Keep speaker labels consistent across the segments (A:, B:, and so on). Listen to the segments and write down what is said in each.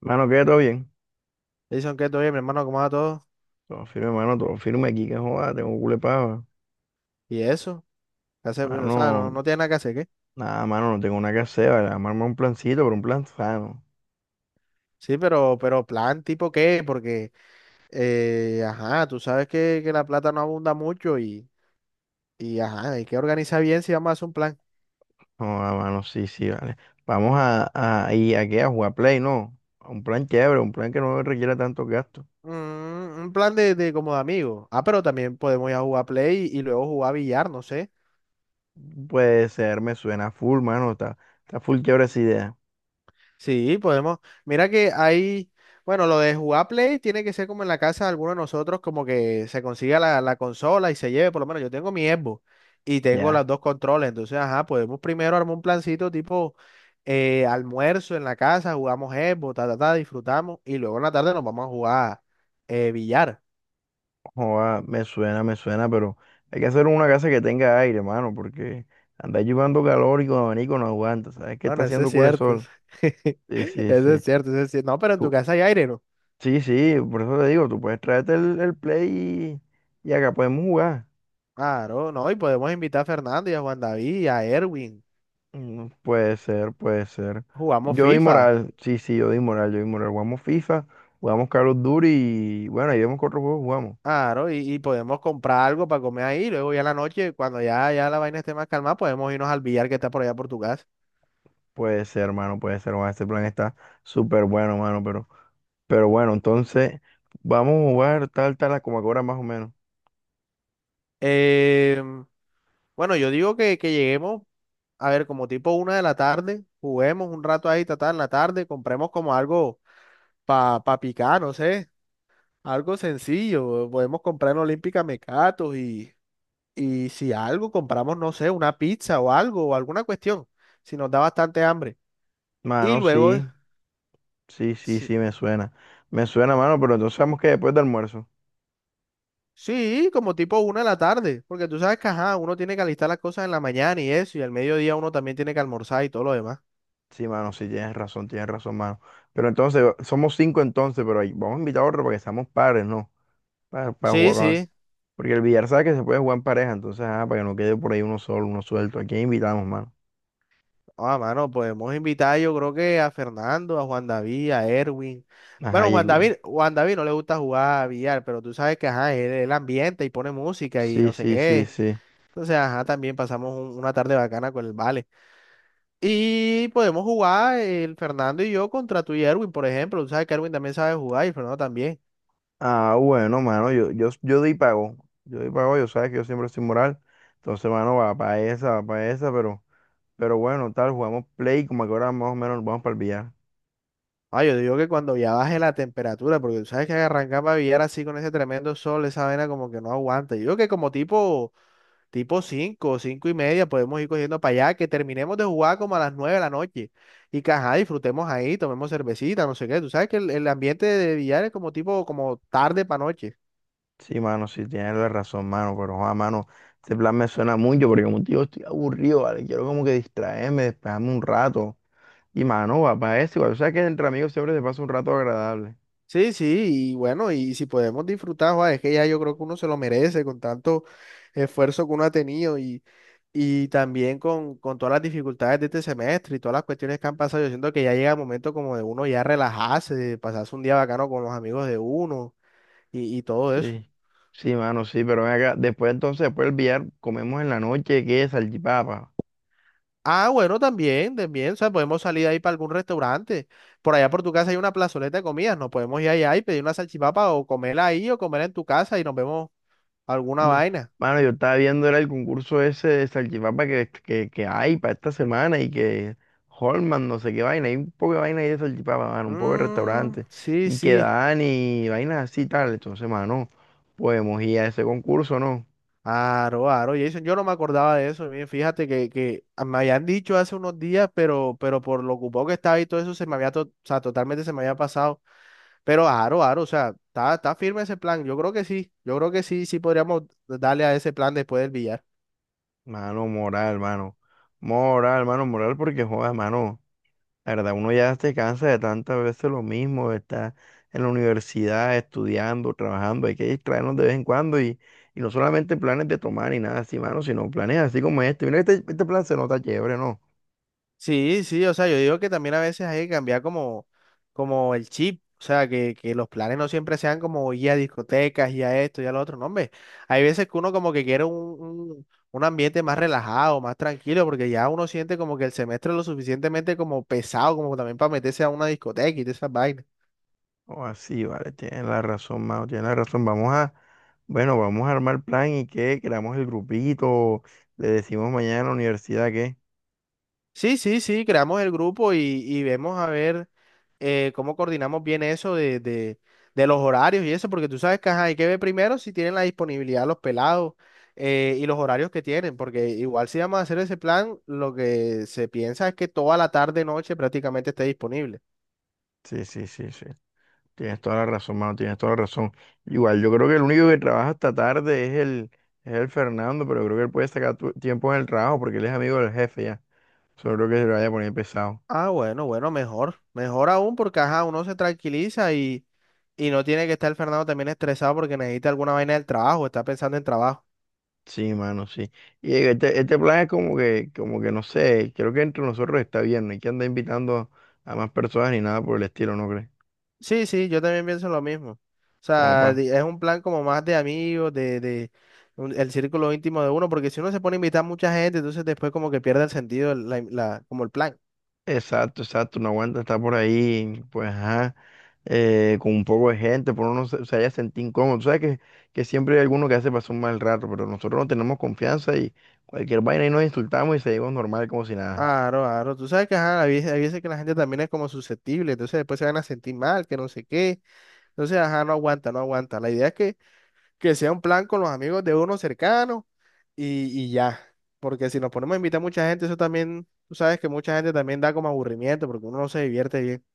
A: Mano, ¿qué? ¿Todo bien?
B: Dicen que todo bien, mi hermano, ¿cómo va todo?
A: Todo firme, mano, todo firme aquí, que joda, tengo culepaba.
B: Y eso, ¿qué hace? Pues, O
A: Mano,
B: sea, no, no tiene nada que hacer, ¿qué?
A: nada, mano, no tengo nada que hacer, vale, vamos a armar un plancito, pero un plan sano.
B: Sí, pero plan tipo qué, porque, ajá, tú sabes que la plata no abunda mucho y, ajá, hay que organizar bien si vamos a hacer un plan.
A: No, no, mano, sí, sí, vale. Vamos a, ¿y a qué? ¿A jugar Play, no? A Un plan chévere, un plan que no requiera tantos gastos.
B: Mm, un plan de como de amigos. Ah, pero también podemos ir a jugar Play y luego jugar billar, no sé.
A: Puede ser, me suena full, mano, está full chévere esa idea.
B: Sí, podemos. Mira que hay, bueno, lo de jugar Play tiene que ser como en la casa de alguno de nosotros, como que se consiga la consola y se lleve, por lo menos yo tengo mi Xbox y tengo
A: Ya,
B: las dos controles, entonces, ajá, podemos primero armar un plancito tipo almuerzo en la casa, jugamos Xbox, ta, ta, ta, disfrutamos y luego en la tarde nos vamos a jugar billar.
A: joda, me suena, pero hay que hacer una casa que tenga aire, mano, porque andar llevando calor y con abanico no aguanta. ¿Sabes qué está
B: Bueno, eso es
A: haciendo culo el
B: cierto,
A: sol?
B: eso
A: Sí, sí,
B: eso
A: sí.
B: es cierto, eso es cierto. No, pero en tu
A: Tú-
B: casa hay aire, ¿no?
A: Sí, sí, por eso te digo, tú puedes traerte el Play y acá podemos jugar.
B: Claro, no, y podemos invitar a Fernando y a Juan David y a Erwin.
A: Mm, puede ser, puede ser.
B: Jugamos
A: Yo doy
B: FIFA.
A: moral, sí, sí, yo doy moral, yo doy moral. Jugamos FIFA, jugamos Call of Duty y bueno, ahí vemos qué otros juegos jugamos.
B: Claro, y podemos comprar algo para comer ahí. Luego ya en la noche, cuando ya, ya la vaina esté más calmada, podemos irnos al billar que está por allá por tu casa.
A: Puede ser, hermano, puede ser, mano, este plan está súper bueno, mano, pero bueno, entonces vamos a jugar tal, tal, como ahora más o menos.
B: Em, bueno, yo digo que lleguemos, a ver, como tipo una de la tarde, juguemos un rato ahí, tratar en la tarde, compremos como algo para pa pa picar, no sé, algo sencillo. Podemos comprar en Olímpica mecatos y si algo, compramos, no sé, una pizza o algo, o alguna cuestión, si nos da bastante hambre. Y
A: Mano,
B: luego...
A: sí, sí, sí,
B: si-
A: sí, me suena. Me suena, mano, pero entonces sabemos que después del almuerzo.
B: Sí, como tipo una de la tarde, porque tú sabes que ajá, uno tiene que alistar las cosas en la mañana y eso, y al mediodía uno también tiene que almorzar y todo lo demás.
A: Sí, mano, sí, tienes razón, mano. Pero entonces, somos cinco entonces, pero ahí vamos a invitar a otro para que seamos pares, ¿no? Para
B: Sí,
A: jugar con-
B: sí.
A: Porque el billar sabe que se puede jugar en pareja, entonces, ajá, para que no quede por ahí uno solo, uno suelto. ¿A quién invitamos, mano?
B: Ah, mano, podemos invitar yo creo que a Fernando, a Juan David, a Erwin.
A: Ajá,
B: Bueno,
A: y
B: Juan David no le gusta jugar a billar, pero tú sabes que ajá, él ambienta y pone música y
A: sí,
B: no sé
A: sí, sí,
B: qué.
A: sí.
B: Entonces, ajá, también pasamos una tarde bacana con el Vale. Y podemos jugar el Fernando y yo contra tú y Erwin, por ejemplo. Tú sabes que Erwin también sabe jugar y Fernando también.
A: Ah, bueno, mano, yo di pago. Yo di pago, yo sabes que yo siempre soy moral. Entonces, mano, va para esa, pero bueno, tal, jugamos play, como que ahora más o menos nos vamos para el billar.
B: Ah, yo digo que cuando ya baje la temperatura, porque tú sabes que arrancaba a Villar así con ese tremendo sol, esa vaina como que no aguanta. Yo digo que como tipo 5, cinco y media podemos ir cogiendo para allá, que terminemos de jugar como a las 9 de la noche. Y que ajá, disfrutemos ahí, tomemos cervecita, no sé qué. Tú sabes que el ambiente de Villar es como tipo, como tarde para noche.
A: Sí, mano, sí, tienes la razón, mano, pero, joder, mano, este plan me suena mucho porque como te digo, estoy aburrido, ¿vale? Quiero como que distraerme, despejarme un rato. Y, mano, va para eso, igual, o sea que entre amigos siempre se pasa un rato agradable.
B: Sí, sí, y bueno, y si podemos disfrutar, joa, es que ya yo creo que uno se lo merece con tanto esfuerzo que uno ha tenido. Y también con todas las dificultades de este semestre y todas las cuestiones que han pasado, yo siento que ya llega el momento como de uno ya relajarse, de pasarse un día bacano con los amigos de uno y todo eso.
A: Sí, sí, mano, sí, pero ven acá, después entonces, después el billar, comemos en la noche, ¿qué? Salchipapa.
B: Ah, bueno, también, también, o sea, podemos salir ahí para algún restaurante. Por allá por tu casa hay una plazoleta de comidas, nos podemos ir allá y pedir una salchipapa o comerla ahí o comerla en tu casa y nos vemos alguna
A: No,
B: vaina.
A: mano, yo estaba viendo era el concurso ese de salchipapa que hay para esta semana y que Holman, no sé qué vaina, hay un poco de vaina ahí de salchipapa, mano, un poco de
B: Mm,
A: restaurante
B: sí,
A: y que
B: sí.
A: dan y vainas así y tal. Entonces, mano, podemos ir a ese concurso, ¿no?
B: Aro, aro, Jason, yo no me acordaba de eso. Miren, fíjate que me habían dicho hace unos días, pero por lo ocupado que estaba y todo eso, se me había, o sea, totalmente se me había pasado. Pero aro, aro, o sea, está, está firme ese plan. Yo creo que sí, yo creo que sí, sí podríamos darle a ese plan después del billar.
A: Mano, moral, mano. Moral, mano, moral porque joda, mano. La verdad, uno ya se cansa de tantas veces lo mismo, de estar en la universidad estudiando, trabajando, hay que distraernos de vez en cuando y no solamente planes de tomar y nada así, mano, sino planes así como este. Mira, este plan se nota chévere, ¿no?
B: Sí, sí, o sea, yo digo que también a veces hay que cambiar como, como el chip, o sea, que los planes no siempre sean como ir a discotecas, y a esto, y a lo otro, no, hombre, hay veces que uno como que quiere un ambiente más relajado, más tranquilo, porque ya uno siente como que el semestre es lo suficientemente como pesado, como también para meterse a una discoteca y de esas vainas.
A: O así, vale, tienes la razón, Mao, tienes la razón. Vamos a, bueno, vamos a armar plan y qué, creamos el grupito, le decimos mañana en la universidad qué.
B: Sí, sí, sí, creamos el grupo y vemos a ver. Cómo coordinamos bien eso de de los horarios y eso, porque tú sabes que ajá, hay que ver primero si tienen la disponibilidad los pelados, y los horarios que tienen, porque igual si vamos a hacer ese plan, lo que se piensa es que toda la tarde, noche prácticamente esté disponible.
A: Sí, sí, sí, sí. Tienes toda la razón, mano, tienes toda la razón. Igual, yo creo que el único que trabaja hasta tarde es el Fernando, pero yo creo que él puede sacar tiempo en el trabajo porque él es amigo del jefe ya. Solo creo que se lo vaya a poner pesado.
B: Ah, bueno, bueno, mejor, mejor aún porque ajá, uno se tranquiliza y no tiene que estar Fernando también estresado porque necesita alguna vaina del trabajo, está pensando en trabajo.
A: Sí, mano, sí. Y este plan es como que no sé, creo que entre nosotros está bien, no hay que andar invitando a más personas ni nada por el estilo, ¿no crees?
B: Sí, sí, yo también pienso lo mismo. O
A: Como
B: sea,
A: pa.
B: es un plan como más de amigos, de el círculo íntimo de uno, porque si uno se pone a invitar a mucha gente, entonces después como que pierde el sentido, como el plan.
A: Exacto, exacto, no aguanta estar por ahí, pues ajá. Con un poco de gente, por uno no se haya sentido incómodo. Tú sabes que siempre hay alguno que hace pasar un mal rato, pero nosotros no tenemos confianza y cualquier vaina y nos insultamos y seguimos normal como si nada.
B: Claro, claro. Tú sabes que ajá, hay veces que la gente también es como susceptible, entonces después se van a sentir mal, que no sé qué. Entonces, ajá, no aguanta. La idea es que sea un plan con los amigos de uno cercano y ya. Porque si nos ponemos a invitar a mucha gente, eso también, tú sabes que mucha gente también da como aburrimiento, porque uno no se divierte bien.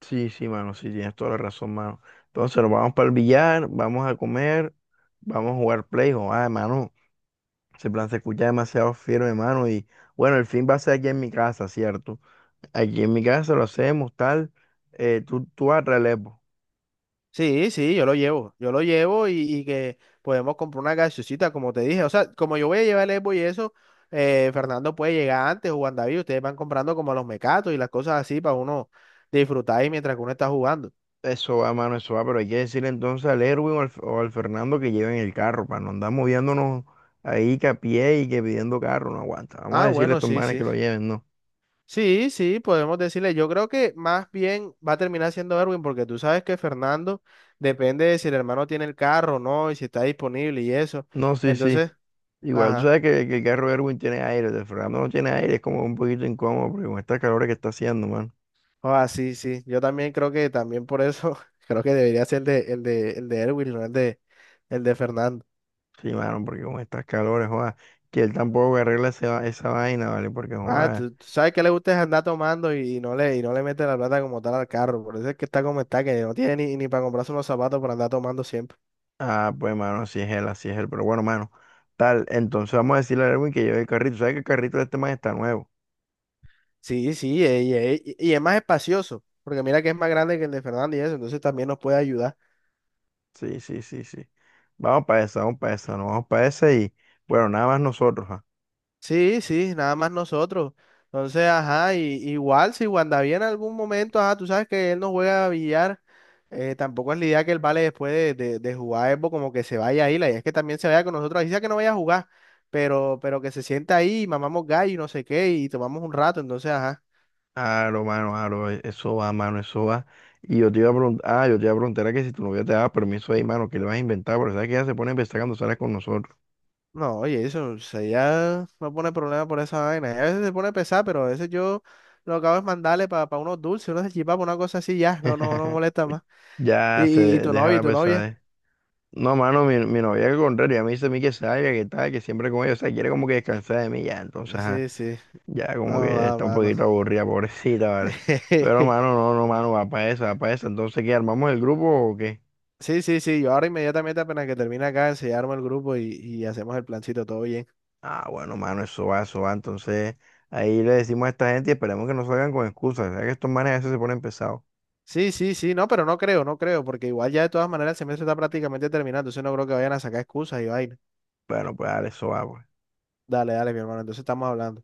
A: Sí, sí, mano, sí, tienes toda la razón, mano. Entonces nos vamos para el billar, vamos a comer, vamos a jugar play. Oh, ah, mano. Ese plan se escucha demasiado firme, mano. Y bueno, el fin va a ser aquí en mi casa, ¿cierto? Aquí en mi casa lo hacemos, tal. Tú vas a traer el Xbox.
B: Sí, sí, yo lo llevo y que podemos comprar una gaseosita, como te dije. O sea, como yo voy a llevar el Evo y eso, Fernando puede llegar antes o Juan David, ustedes van comprando como los mecatos y las cosas así para uno disfrutar ahí mientras que uno está jugando.
A: Eso va, mano, eso va, pero hay que decirle entonces al Erwin o al Fernando que lleven el carro, para no andar moviéndonos ahí que a pie y que pidiendo carro, no aguanta. Vamos a
B: Ah,
A: decirle a
B: bueno,
A: estos
B: sí,
A: manes
B: sí.
A: que lo lleven, no.
B: Sí, sí, podemos decirle. Yo creo que más bien va a terminar siendo Erwin, porque tú sabes que Fernando depende de si el hermano tiene el carro o no y si está disponible y eso.
A: No, sí, sí.
B: Entonces,
A: Igual tú
B: ajá.
A: sabes que el carro de Erwin tiene aire, el de Fernando no tiene aire, es como un poquito incómodo, porque con estas calores que está haciendo, mano.
B: Ah, sí, sí. Yo también creo que también por eso creo que debería ser el de Erwin, no el de Fernando.
A: Sí, mano, porque con estas calores, joda, que él tampoco arregla esa vaina, ¿vale? Porque,
B: Ah,
A: joda,
B: tú sabes que le gusta es andar tomando y, no le mete la plata como tal al carro. Por eso es que está como está, que no tiene ni para comprarse unos zapatos para andar tomando siempre.
A: ah, pues, mano, así es él, pero bueno, mano, tal. Entonces vamos a decirle a Erwin que lleve el carrito. ¿Sabes que el carrito de este man está nuevo?
B: Sí, sí, y es más espacioso, porque mira que es más grande que el de Fernando y eso, entonces también nos puede ayudar.
A: Sí, sí, sí, sí. Vamos para esa, no, vamos para esa y bueno, nada más nosotros. Ah.
B: Sí, sí, nada más nosotros. Entonces, ajá, y, igual si Wandavia en algún momento, ajá, tú sabes que él no juega a billar, tampoco es la idea que él vale después de jugar Evo, como que se vaya ahí, la idea es que también se vaya con nosotros, así sea que no vaya a jugar, pero que se sienta ahí, y mamamos gallo y no sé qué, y tomamos un rato, entonces, ajá.
A: Aro, mano, aro, eso va, mano, eso va. Y yo te iba a preguntar, ah, yo te iba a preguntar a que si tu novia te daba permiso ahí, mano, que le vas a inventar, pero sabes que ella se pone a empezar cuando sale con nosotros.
B: No, oye, eso, o sea, ya no pone problema por esa vaina. A veces se pone pesado, pero a veces yo lo que hago es mandarle para unos dulces, unos salchipapas, una cosa así, ya, no, no, no molesta más. Y,
A: Ya se
B: y, y tu
A: deja
B: novio, y
A: la
B: tu novia.
A: pesadez. No, mano, mi novia al contrario, a mí dice a mí que salga, que tal, que siempre con ella, o sea, quiere como que descansar de mí ya, entonces, ajá.
B: Sí, sí.
A: Ya
B: No,
A: como que
B: va,
A: está un
B: mano.
A: poquito aburrida, pobrecita, ¿vale? Pero, mano, no, no, mano, va para eso, va para eso. Entonces, ¿qué? ¿Armamos el grupo o qué?
B: Sí, sí, sí. Yo ahora inmediatamente apenas que termine acá, enseñarme el grupo y hacemos el plancito, todo bien.
A: Ah, bueno, mano, eso va, eso va. Entonces, ahí le decimos a esta gente y esperemos que no salgan con excusas. Ya que estos manes a veces se ponen pesados.
B: Sí, sí, sí. No, pero no creo, no creo, porque igual ya de todas maneras el semestre está prácticamente terminado, entonces no creo que vayan a sacar excusas y vaina.
A: Bueno, pues dale, eso va, pues.
B: Dale, dale, mi hermano. Entonces estamos hablando.